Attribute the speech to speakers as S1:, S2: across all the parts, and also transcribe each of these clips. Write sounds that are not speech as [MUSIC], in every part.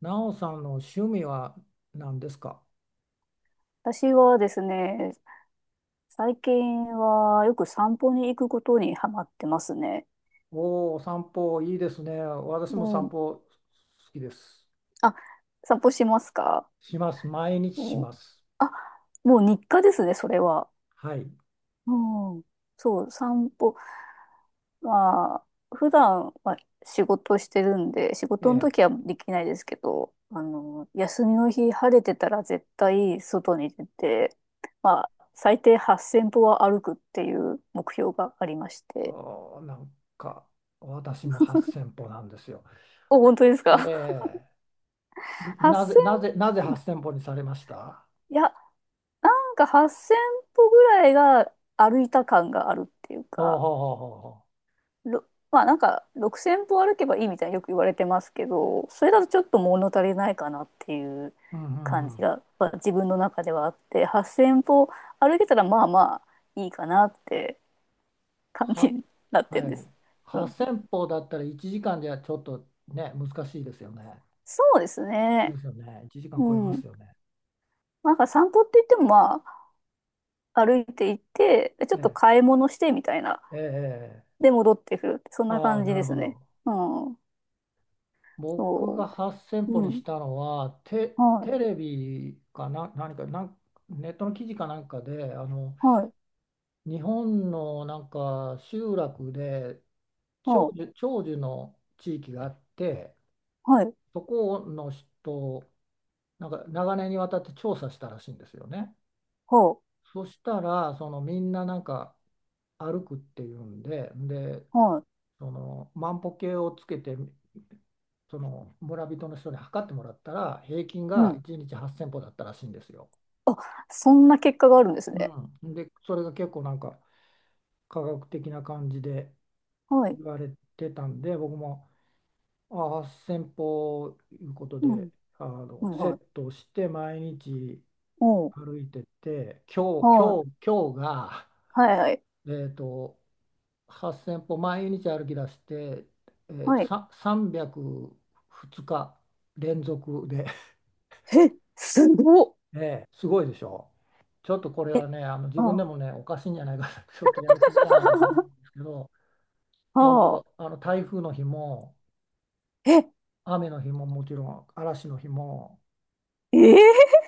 S1: なおさんの趣味は何ですか？
S2: 私はですね、最近はよく散歩に行くことにハマってますね。
S1: おおー、散歩いいですね。私
S2: う
S1: も散
S2: ん。
S1: 歩好きです。
S2: あ、散歩しますか？
S1: します。毎日し
S2: うん。
S1: ます。
S2: あ、もう日課ですね、それは。
S1: はい。
S2: うん。そう、散歩。まあ、普段は仕事してるんで、仕
S1: え
S2: 事の
S1: え。
S2: 時はできないですけど、休みの日晴れてたら絶対外に出て、まあ、最低8000歩は歩くっていう目標がありまして。
S1: おーなんか、私も8000歩なんですよ。
S2: お、本当です
S1: え
S2: か？
S1: え。なぜ
S2: 8000 [LAUGHS] い
S1: 8000歩にされました？
S2: や、なんか8000歩ぐらいが歩いた感があるっていう
S1: ほう
S2: か、
S1: ほうほうほうほ
S2: ろまあなんか6000歩歩けばいいみたいによく言われてますけど、それだとちょっと物足りないかなっていう
S1: う。うんう
S2: 感
S1: んう
S2: じ
S1: ん。
S2: が、まあ、自分の中ではあって、8000歩歩けたらまあまあいいかなって感じ
S1: は、
S2: になってる
S1: は
S2: んで
S1: い。
S2: す。うん、
S1: 8000歩だったら1時間じゃちょっとね、難しいですよね。
S2: そうです
S1: で
S2: ね。
S1: すよね。1時
S2: う
S1: 間超えま
S2: ん。
S1: すよね。
S2: なんか散歩って言ってもまあ歩いていって、ちょっと
S1: ええ
S2: 買い物してみたいな
S1: ええ、
S2: で、戻ってくるって、そんな
S1: ああ、
S2: 感じ
S1: な
S2: で
S1: るほ
S2: すね。
S1: ど。
S2: うん。
S1: 僕が
S2: そ
S1: 8000
S2: う。
S1: 歩
S2: う
S1: にし
S2: ん。
S1: たのは、テ、
S2: はい。
S1: テレビかな、何か、ネットの記事かなんかで、
S2: はい。
S1: 日本のなんか集落で長
S2: はい。
S1: 寿、長寿の地域があって、
S2: はい。
S1: そこの人、なんか長年にわたって調査したらしいんですよね。
S2: はい。
S1: そしたら、そのみんななんか歩くっていうんで、で、
S2: はい。
S1: その万歩計をつけてその村人の人に測ってもらったら平均
S2: う
S1: が
S2: ん。
S1: 1日8千歩だったらしいんですよ。
S2: あ、そんな結果があるんですね。
S1: うん、でそれが結構なんか科学的な感じで
S2: はい。
S1: 言われてたんで僕もあ8千0 0歩いうこと
S2: う
S1: で、
S2: ん。
S1: あ
S2: う
S1: の
S2: ん。
S1: セ
S2: は
S1: ッ
S2: い。
S1: トをして毎日
S2: おう。
S1: 歩いてて今日
S2: は
S1: 今
S2: い。
S1: 日今日が、
S2: はい。はい。
S1: えっと8000歩毎日歩き出して、
S2: はい。
S1: 302日連続で、
S2: え、すごっ。
S1: [LAUGHS] ええすごいでしょ。ちょっとこれ
S2: え、
S1: はね、あの自
S2: あ
S1: 分で
S2: あ。
S1: もね、おかしいんじゃないか、[LAUGHS] ちょっとやりすぎじゃないかと思うんで
S2: [LAUGHS]
S1: すけど、本
S2: は
S1: 当、
S2: あ。
S1: あの台風の日も、
S2: え、
S1: 雨の日ももちろん、嵐の日も、
S2: ええ。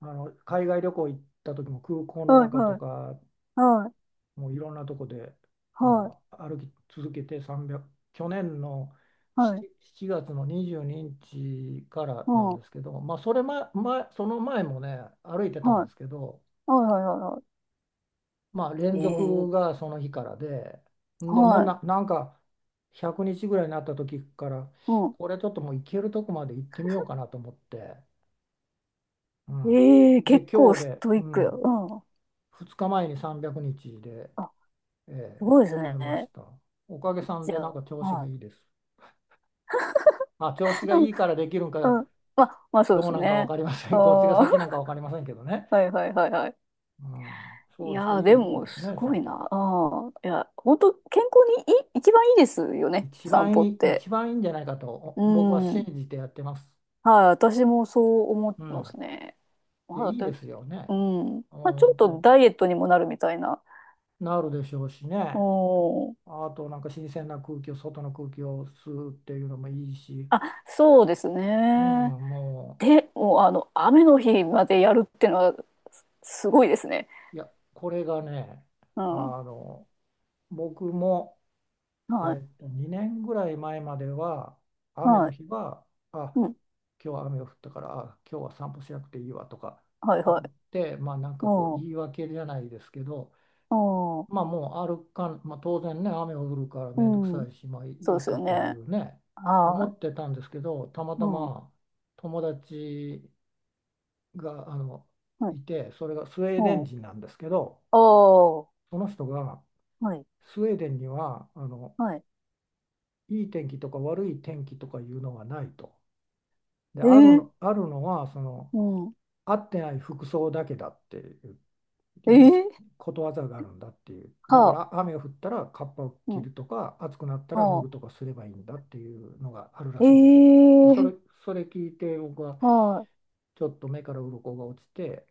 S1: あの海外旅行行った時も空港の
S2: はい。
S1: 中と
S2: はい。
S1: か、
S2: はい。
S1: もういろんなとこで
S2: はい。
S1: もう歩き続けて300去年の
S2: はい。
S1: 7月の22日から
S2: う
S1: な
S2: ん。
S1: ん
S2: は
S1: ですけど、まあ、その前もね歩いて
S2: い。
S1: たん
S2: は
S1: で
S2: い。
S1: すけど、
S2: はい。はい。は
S1: まあ、連
S2: い。
S1: 続
S2: ええ。
S1: がその日からで、んでもう
S2: はい。
S1: なんか100日ぐらいになった時から
S2: うん。
S1: これちょっともう行けるとこまで行ってみようかなと思って、うん、
S2: ええ、
S1: で
S2: 結構
S1: 今日
S2: ス
S1: で、
S2: トイッ
S1: う
S2: クや。
S1: ん、
S2: うん。
S1: 2日前に300日で
S2: あ、
S1: え
S2: す
S1: え、
S2: ごいです
S1: 終えまし
S2: ね。
S1: た。おかげさん
S2: じ
S1: で
S2: ゃ
S1: なん
S2: あ、
S1: か調子が
S2: は
S1: いいです。まあ、調子
S2: い。
S1: が
S2: うん。
S1: いいからできるん
S2: う
S1: か、
S2: ん。まあ、まあそうで
S1: どう
S2: す
S1: なんか分
S2: ね。
S1: かりません。[LAUGHS] どっちが
S2: ああ、
S1: 先なん
S2: [LAUGHS]
S1: か分かりませんけどね。
S2: はいはいはいはい。
S1: うん、そ
S2: い
S1: うですか。い
S2: やー、
S1: い、
S2: で
S1: いい
S2: も、
S1: です
S2: す
S1: ね、
S2: ご
S1: 散
S2: い
S1: 歩は。
S2: な。ああ、いや、本当健康にいい、一番いいですよね、散歩って。
S1: 一番いいんじゃないかと
S2: う
S1: 僕は信
S2: ん。
S1: じてやってます。
S2: はい、私もそう思っ
S1: う
S2: てます
S1: ん。
S2: ね。ま
S1: いや、い
S2: あ、
S1: い
S2: だっ
S1: で
S2: て、
S1: すよ
S2: う
S1: ね。
S2: ん。
S1: うん、
S2: まあ、ちょっ
S1: 本
S2: と
S1: 当、
S2: ダイエットにもなるみたいな。
S1: なるでしょうしね。
S2: うん。
S1: あと、なんか新鮮な空気を、外の空気を吸うっていうのもいいし。
S2: あ、そうです
S1: う
S2: ね。
S1: ん、も
S2: で、もう、雨の日までやるってのは、すごいですね。
S1: う、いや、これがね、
S2: うん。
S1: あの、僕も、
S2: はい。
S1: 2年ぐらい前までは、雨
S2: は
S1: の
S2: い。
S1: 日は、あ、
S2: うん。
S1: 今日は雨が降ったから、今日は散歩しなくていいわとか
S2: はいはい。
S1: 思って、まあなんかこう
S2: うん。
S1: 言い訳じゃないですけど、
S2: うん。
S1: まあもうまあ当然ね、雨が降るから
S2: う
S1: 面倒くさ
S2: ん。
S1: いし、まあい
S2: そう
S1: い
S2: ですよ
S1: かとい
S2: ね。
S1: うね、思
S2: はい。
S1: ってたんですけど、たま
S2: う
S1: た
S2: ん。
S1: ま友達が
S2: は
S1: い
S2: い。
S1: て、それがスウェー
S2: う
S1: デン
S2: ん。
S1: 人なんですけど、
S2: お。
S1: その人がスウェーデンにはいい天気とか悪い天気とかいうのがないと。で、あるのはその合ってない服装だけだっていう言いつことわざがあるんだっていう。だから雨が降ったらカッパを着るとか暑くなったら脱ぐとかすればいいんだっていうのがあるらしいんですよ。で、それ聞いて僕はちょっと目から鱗が落ちて、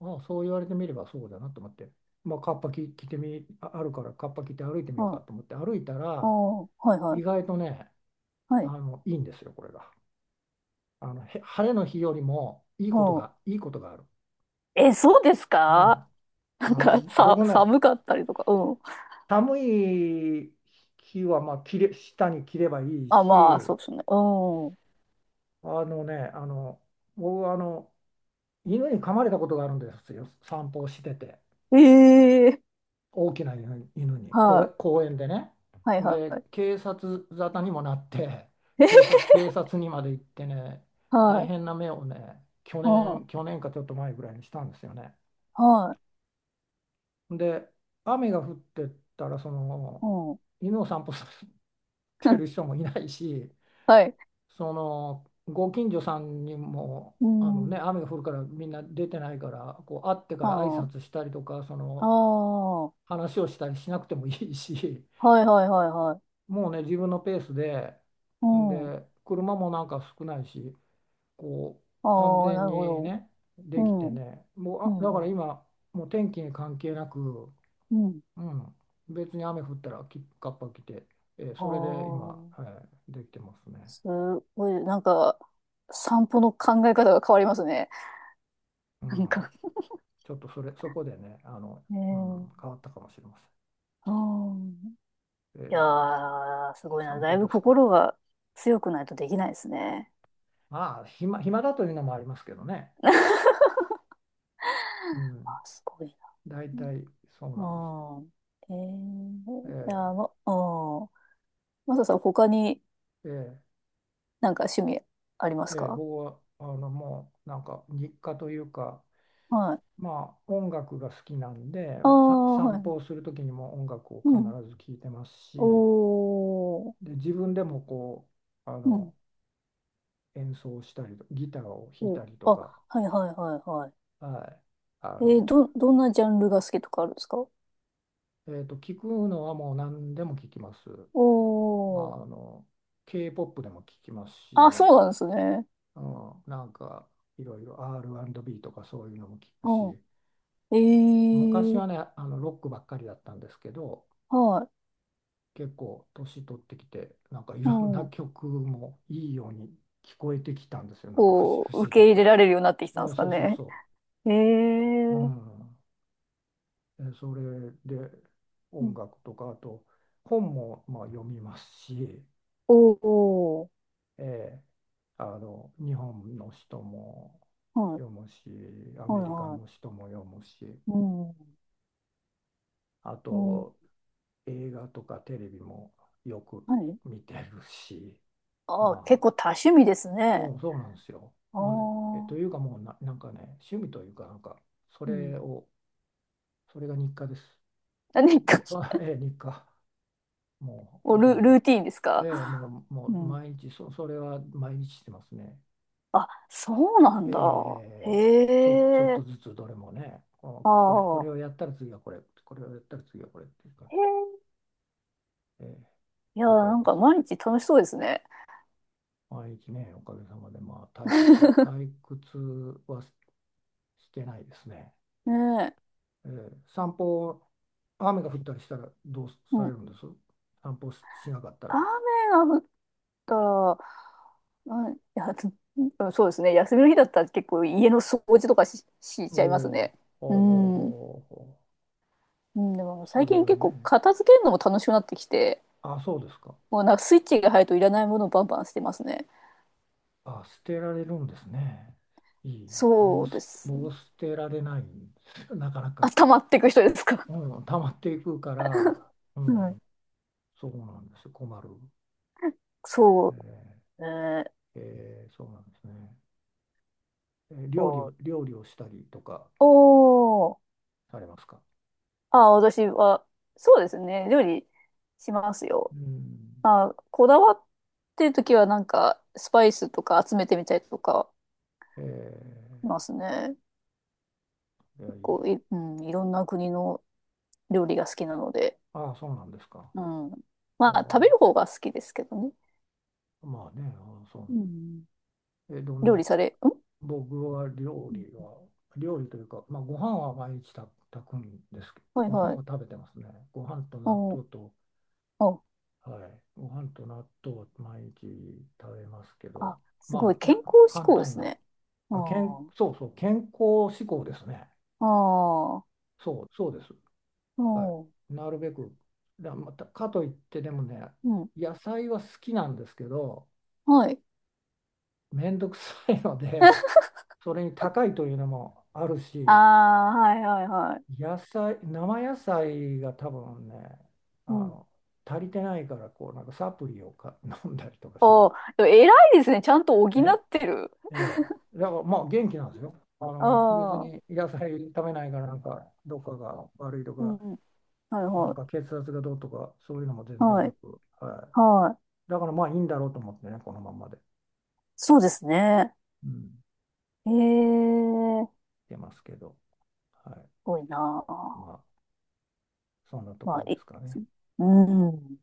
S1: ああ、そう言われてみればそうだなと思って。まあ、カッパ着、着てみ、ああるからカッパ着て歩いてみようかと思って歩いたら
S2: はいは
S1: 意
S2: い。
S1: 外とね、
S2: はい。
S1: いいんですよ、これが。あのへ晴れの日よりも
S2: うん。
S1: いいことがある。
S2: えー、はあ、うん、ああ、えー、はい、はい、うん、ああ、はい、はい、はい、うん、え、そうです
S1: う
S2: か？
S1: ん、
S2: [LAUGHS] なんか、
S1: 僕ね、
S2: 寒かったりとか。うん。
S1: 寒い日はまあ下に着ればいい
S2: あ、まあ、そう
S1: し、
S2: ですね。う
S1: あのねあの僕は犬に噛まれたことがあるんですよ、散歩をしてて。
S2: ん。えー。
S1: 大きな犬に
S2: は
S1: 公園でね。
S2: い。はいは
S1: で
S2: い。
S1: 警察沙汰にもなって、 [LAUGHS] 警察にまで行ってね、
S2: はい。
S1: 大
S2: はい。
S1: 変な目をね去年かちょっと前ぐらいにしたんですよね。
S2: はい。
S1: で、雨が降ってたら、
S2: うん。
S1: 犬を散歩させてる
S2: [LAUGHS]
S1: 人もいないし、
S2: はい。
S1: ご近所さんにも、
S2: うん。
S1: 雨が降るからみんな出てないから、こう会ってから挨
S2: は
S1: 拶したりとか、
S2: あ。ああ。
S1: 話をしたりしなくてもいいし、
S2: はいはいはいはい。
S1: もうね、自分のペースで、
S2: うん。
S1: で、車もなんか少ないし、こ安
S2: ああ、な
S1: 全
S2: るほ
S1: に
S2: ど。
S1: ね、
S2: う
S1: でき
S2: ん。
S1: てね、もう、
S2: うん
S1: だから
S2: うん。
S1: 今、もう天気に関係なく、
S2: うん。
S1: うん、別に雨降ったらカッパ着て、
S2: あ
S1: それで今、
S2: あ。
S1: はい、できてますね。
S2: すごい、なんか、散歩の考え方が変わりますね。
S1: う
S2: [LAUGHS] なん
S1: ん、
S2: か。
S1: ちょっとそこでね、
S2: え
S1: うん、
S2: え。
S1: 変わったかもしれま
S2: うん。
S1: せん。
S2: いやー、すごいな。
S1: 散
S2: だ
S1: 歩
S2: いぶ
S1: ですか？
S2: 心が強くないとできないですね。
S1: まあ、暇だというのもありますけどね。うん、
S2: あ、すごいな。
S1: 大体そうなんです。
S2: うん。ええ。いやー、
S1: え
S2: ま、うん。マサさん、他に
S1: ーえー
S2: なんか趣味ありますか？
S1: 僕はもうなんか日課というか、
S2: はい。
S1: まあ、音楽が好きなんで、
S2: ああ、は
S1: 散
S2: い。
S1: 歩をする時にも音楽を
S2: う
S1: 必
S2: ん。
S1: ず聴いてます
S2: お
S1: し、
S2: ー。
S1: で自分でもうあ
S2: うん。
S1: の演奏したりとギターを弾い
S2: お、
S1: たりと
S2: あ、
S1: か、
S2: はいはいはいはい。
S1: はい、あ
S2: えー、
S1: の、
S2: どんなジャンルが好きとかあるんですか？
S1: 聞くのはもう何でも聞きます。あ
S2: おー。
S1: の K-POP でも聞きます
S2: あ、
S1: し、
S2: そうなんですね。
S1: うん、なんかいろいろ R&B とかそういうのも聞く
S2: うん。
S1: し、
S2: え
S1: 昔
S2: ー。
S1: はねロックばっかりだったんですけど、
S2: はい。
S1: 結構年取ってきてなんかい
S2: う
S1: ろんな
S2: ん。
S1: 曲もいいように聞こえてきたんですよ、なんか
S2: こ
S1: 不
S2: う、
S1: 思
S2: 受
S1: 議
S2: け入れ
S1: と。
S2: られるようになってきたんで
S1: お
S2: すか
S1: そうそう
S2: ね。
S1: そ
S2: え
S1: う。う
S2: ー。
S1: ん、それで
S2: う
S1: 音
S2: ん。
S1: 楽とかあと本もまあ読みますし、
S2: おー。
S1: えー日本の人も
S2: はい。
S1: 読むし、ア
S2: は
S1: メ
S2: い
S1: リカ
S2: は
S1: の人も読むし、
S2: い。うん。
S1: あ
S2: うん。
S1: と映画とかテレビもよく
S2: はい。
S1: 見てるし、
S2: あー、結
S1: まあ
S2: 構多趣味ですね。
S1: そうそうなんですよ。
S2: あ
S1: もうね、と
S2: あ。
S1: いうかもうなんかね、趣味というかなんかそ
S2: うん。
S1: れをそれが日課です。
S2: 何か。
S1: [LAUGHS] 日課。もう
S2: お、
S1: ほとん
S2: ルー
S1: ど。
S2: ティーンですか？
S1: ええ、もう
S2: うん。
S1: 毎日それは毎日してますね。
S2: あ、そうな
S1: え
S2: んだ。
S1: え、
S2: へ
S1: ちょっと
S2: え。
S1: ずつどれもね、
S2: あ
S1: これを
S2: あ。
S1: やったら次はこれ、これをやったら次はこれっていう感じ
S2: へえ。
S1: で、ええ、
S2: いや、
S1: おか
S2: な
S1: げ
S2: ん
S1: で
S2: か
S1: す。
S2: 毎日楽しそうですね。
S1: 毎日ね、おかげさまで、まあ、
S2: [LAUGHS]
S1: 退屈はしてないですね。
S2: ねえ。
S1: ええ、散歩、雨が降ったりしたらどう
S2: う
S1: され
S2: ん。
S1: るんです、散歩しなかったら？
S2: 雨が降ったら、うん、いや、うん、そうですね。休みの日だったら結構家の掃除とかし
S1: お
S2: ちゃいますね。
S1: お、お
S2: う
S1: お、おお、
S2: ん。う
S1: おお、
S2: ん、でも
S1: そ
S2: 最
S1: れ
S2: 近
S1: は
S2: 結構
S1: ね。
S2: 片付けるのも楽しくなってきて、
S1: あ、そうですか。
S2: もうなんかスイッチが入るといらないものをバンバン捨てますね。
S1: あ、捨てられるんですね。いいわ。
S2: そうです。
S1: 僕捨てられないんですよ、なかな
S2: あ、
S1: か。
S2: 溜まっていく人ですか？
S1: うん、溜まっていくから、う
S2: うん。
S1: ん、そうなんですよ、困る。
S2: そ
S1: え
S2: う。えー、
S1: ーそうなんですね。
S2: お、
S1: 料理をしたりとか
S2: おー。
S1: されますか？
S2: あ、私は、そうですね。料理しますよ。
S1: うん。
S2: まあ、こだわってるときはなんか、スパイスとか集めてみたりとか
S1: え
S2: しますね。
S1: いや、い
S2: 結
S1: い。
S2: 構うん、いろんな国の料理が好きなので。
S1: ああ、そうなんですか。
S2: うん。
S1: あ
S2: まあ、
S1: ー
S2: 食べる方が好きですけどね。
S1: まあね、あーそ
S2: うん。
S1: う。どん
S2: 料
S1: な
S2: 理され、ん。
S1: 僕は
S2: うん。
S1: 料理というか、まあ、ご飯は毎日炊くんですけ
S2: はい
S1: ど、ご飯
S2: は
S1: を
S2: い。
S1: 食べてますね。ご飯と納
S2: おー。
S1: 豆と、
S2: お。
S1: はい、ご飯と納豆を毎日食べますけど、
S2: あ、すごい
S1: まあ、
S2: 健康志
S1: 簡
S2: 向で
S1: 単
S2: す
S1: な、
S2: ね。あ
S1: そうそう、健康志向ですね。
S2: あ、ああ、
S1: そう、そうです。
S2: う
S1: は
S2: ん、
S1: い。なるべく、また、かといってでもね、
S2: うん、
S1: 野菜は好きなんですけど、
S2: はい。
S1: めんどくさいので、
S2: [LAUGHS]
S1: それに高いというのもある
S2: あ
S1: し、
S2: あ、はいはいはい。
S1: 生野菜が多分ね、あ
S2: うん。
S1: の、足りてないから、なんかサプリを[LAUGHS] 飲んだりとかします。
S2: おー、でも偉いですね。ちゃんと補っ
S1: え
S2: てる。
S1: ええ。だからまあ元気なんですよ。別
S2: あ
S1: に
S2: あ、
S1: 野菜食べないから、なんか、どっかが悪いと
S2: う
S1: か、
S2: ん。はい
S1: なん
S2: は
S1: か血圧がどうとか、そういうのも
S2: い。
S1: 全然
S2: は
S1: な
S2: い。
S1: く、は
S2: はい。
S1: い。だからまあいいんだろうと思ってね、このまんまで。
S2: そうですね。
S1: うん、
S2: ええ。す
S1: 出ますけど、は
S2: ごいな
S1: い。
S2: あ。
S1: まあ、そんなとこ
S2: まあ、
S1: ろですかね。
S2: うん。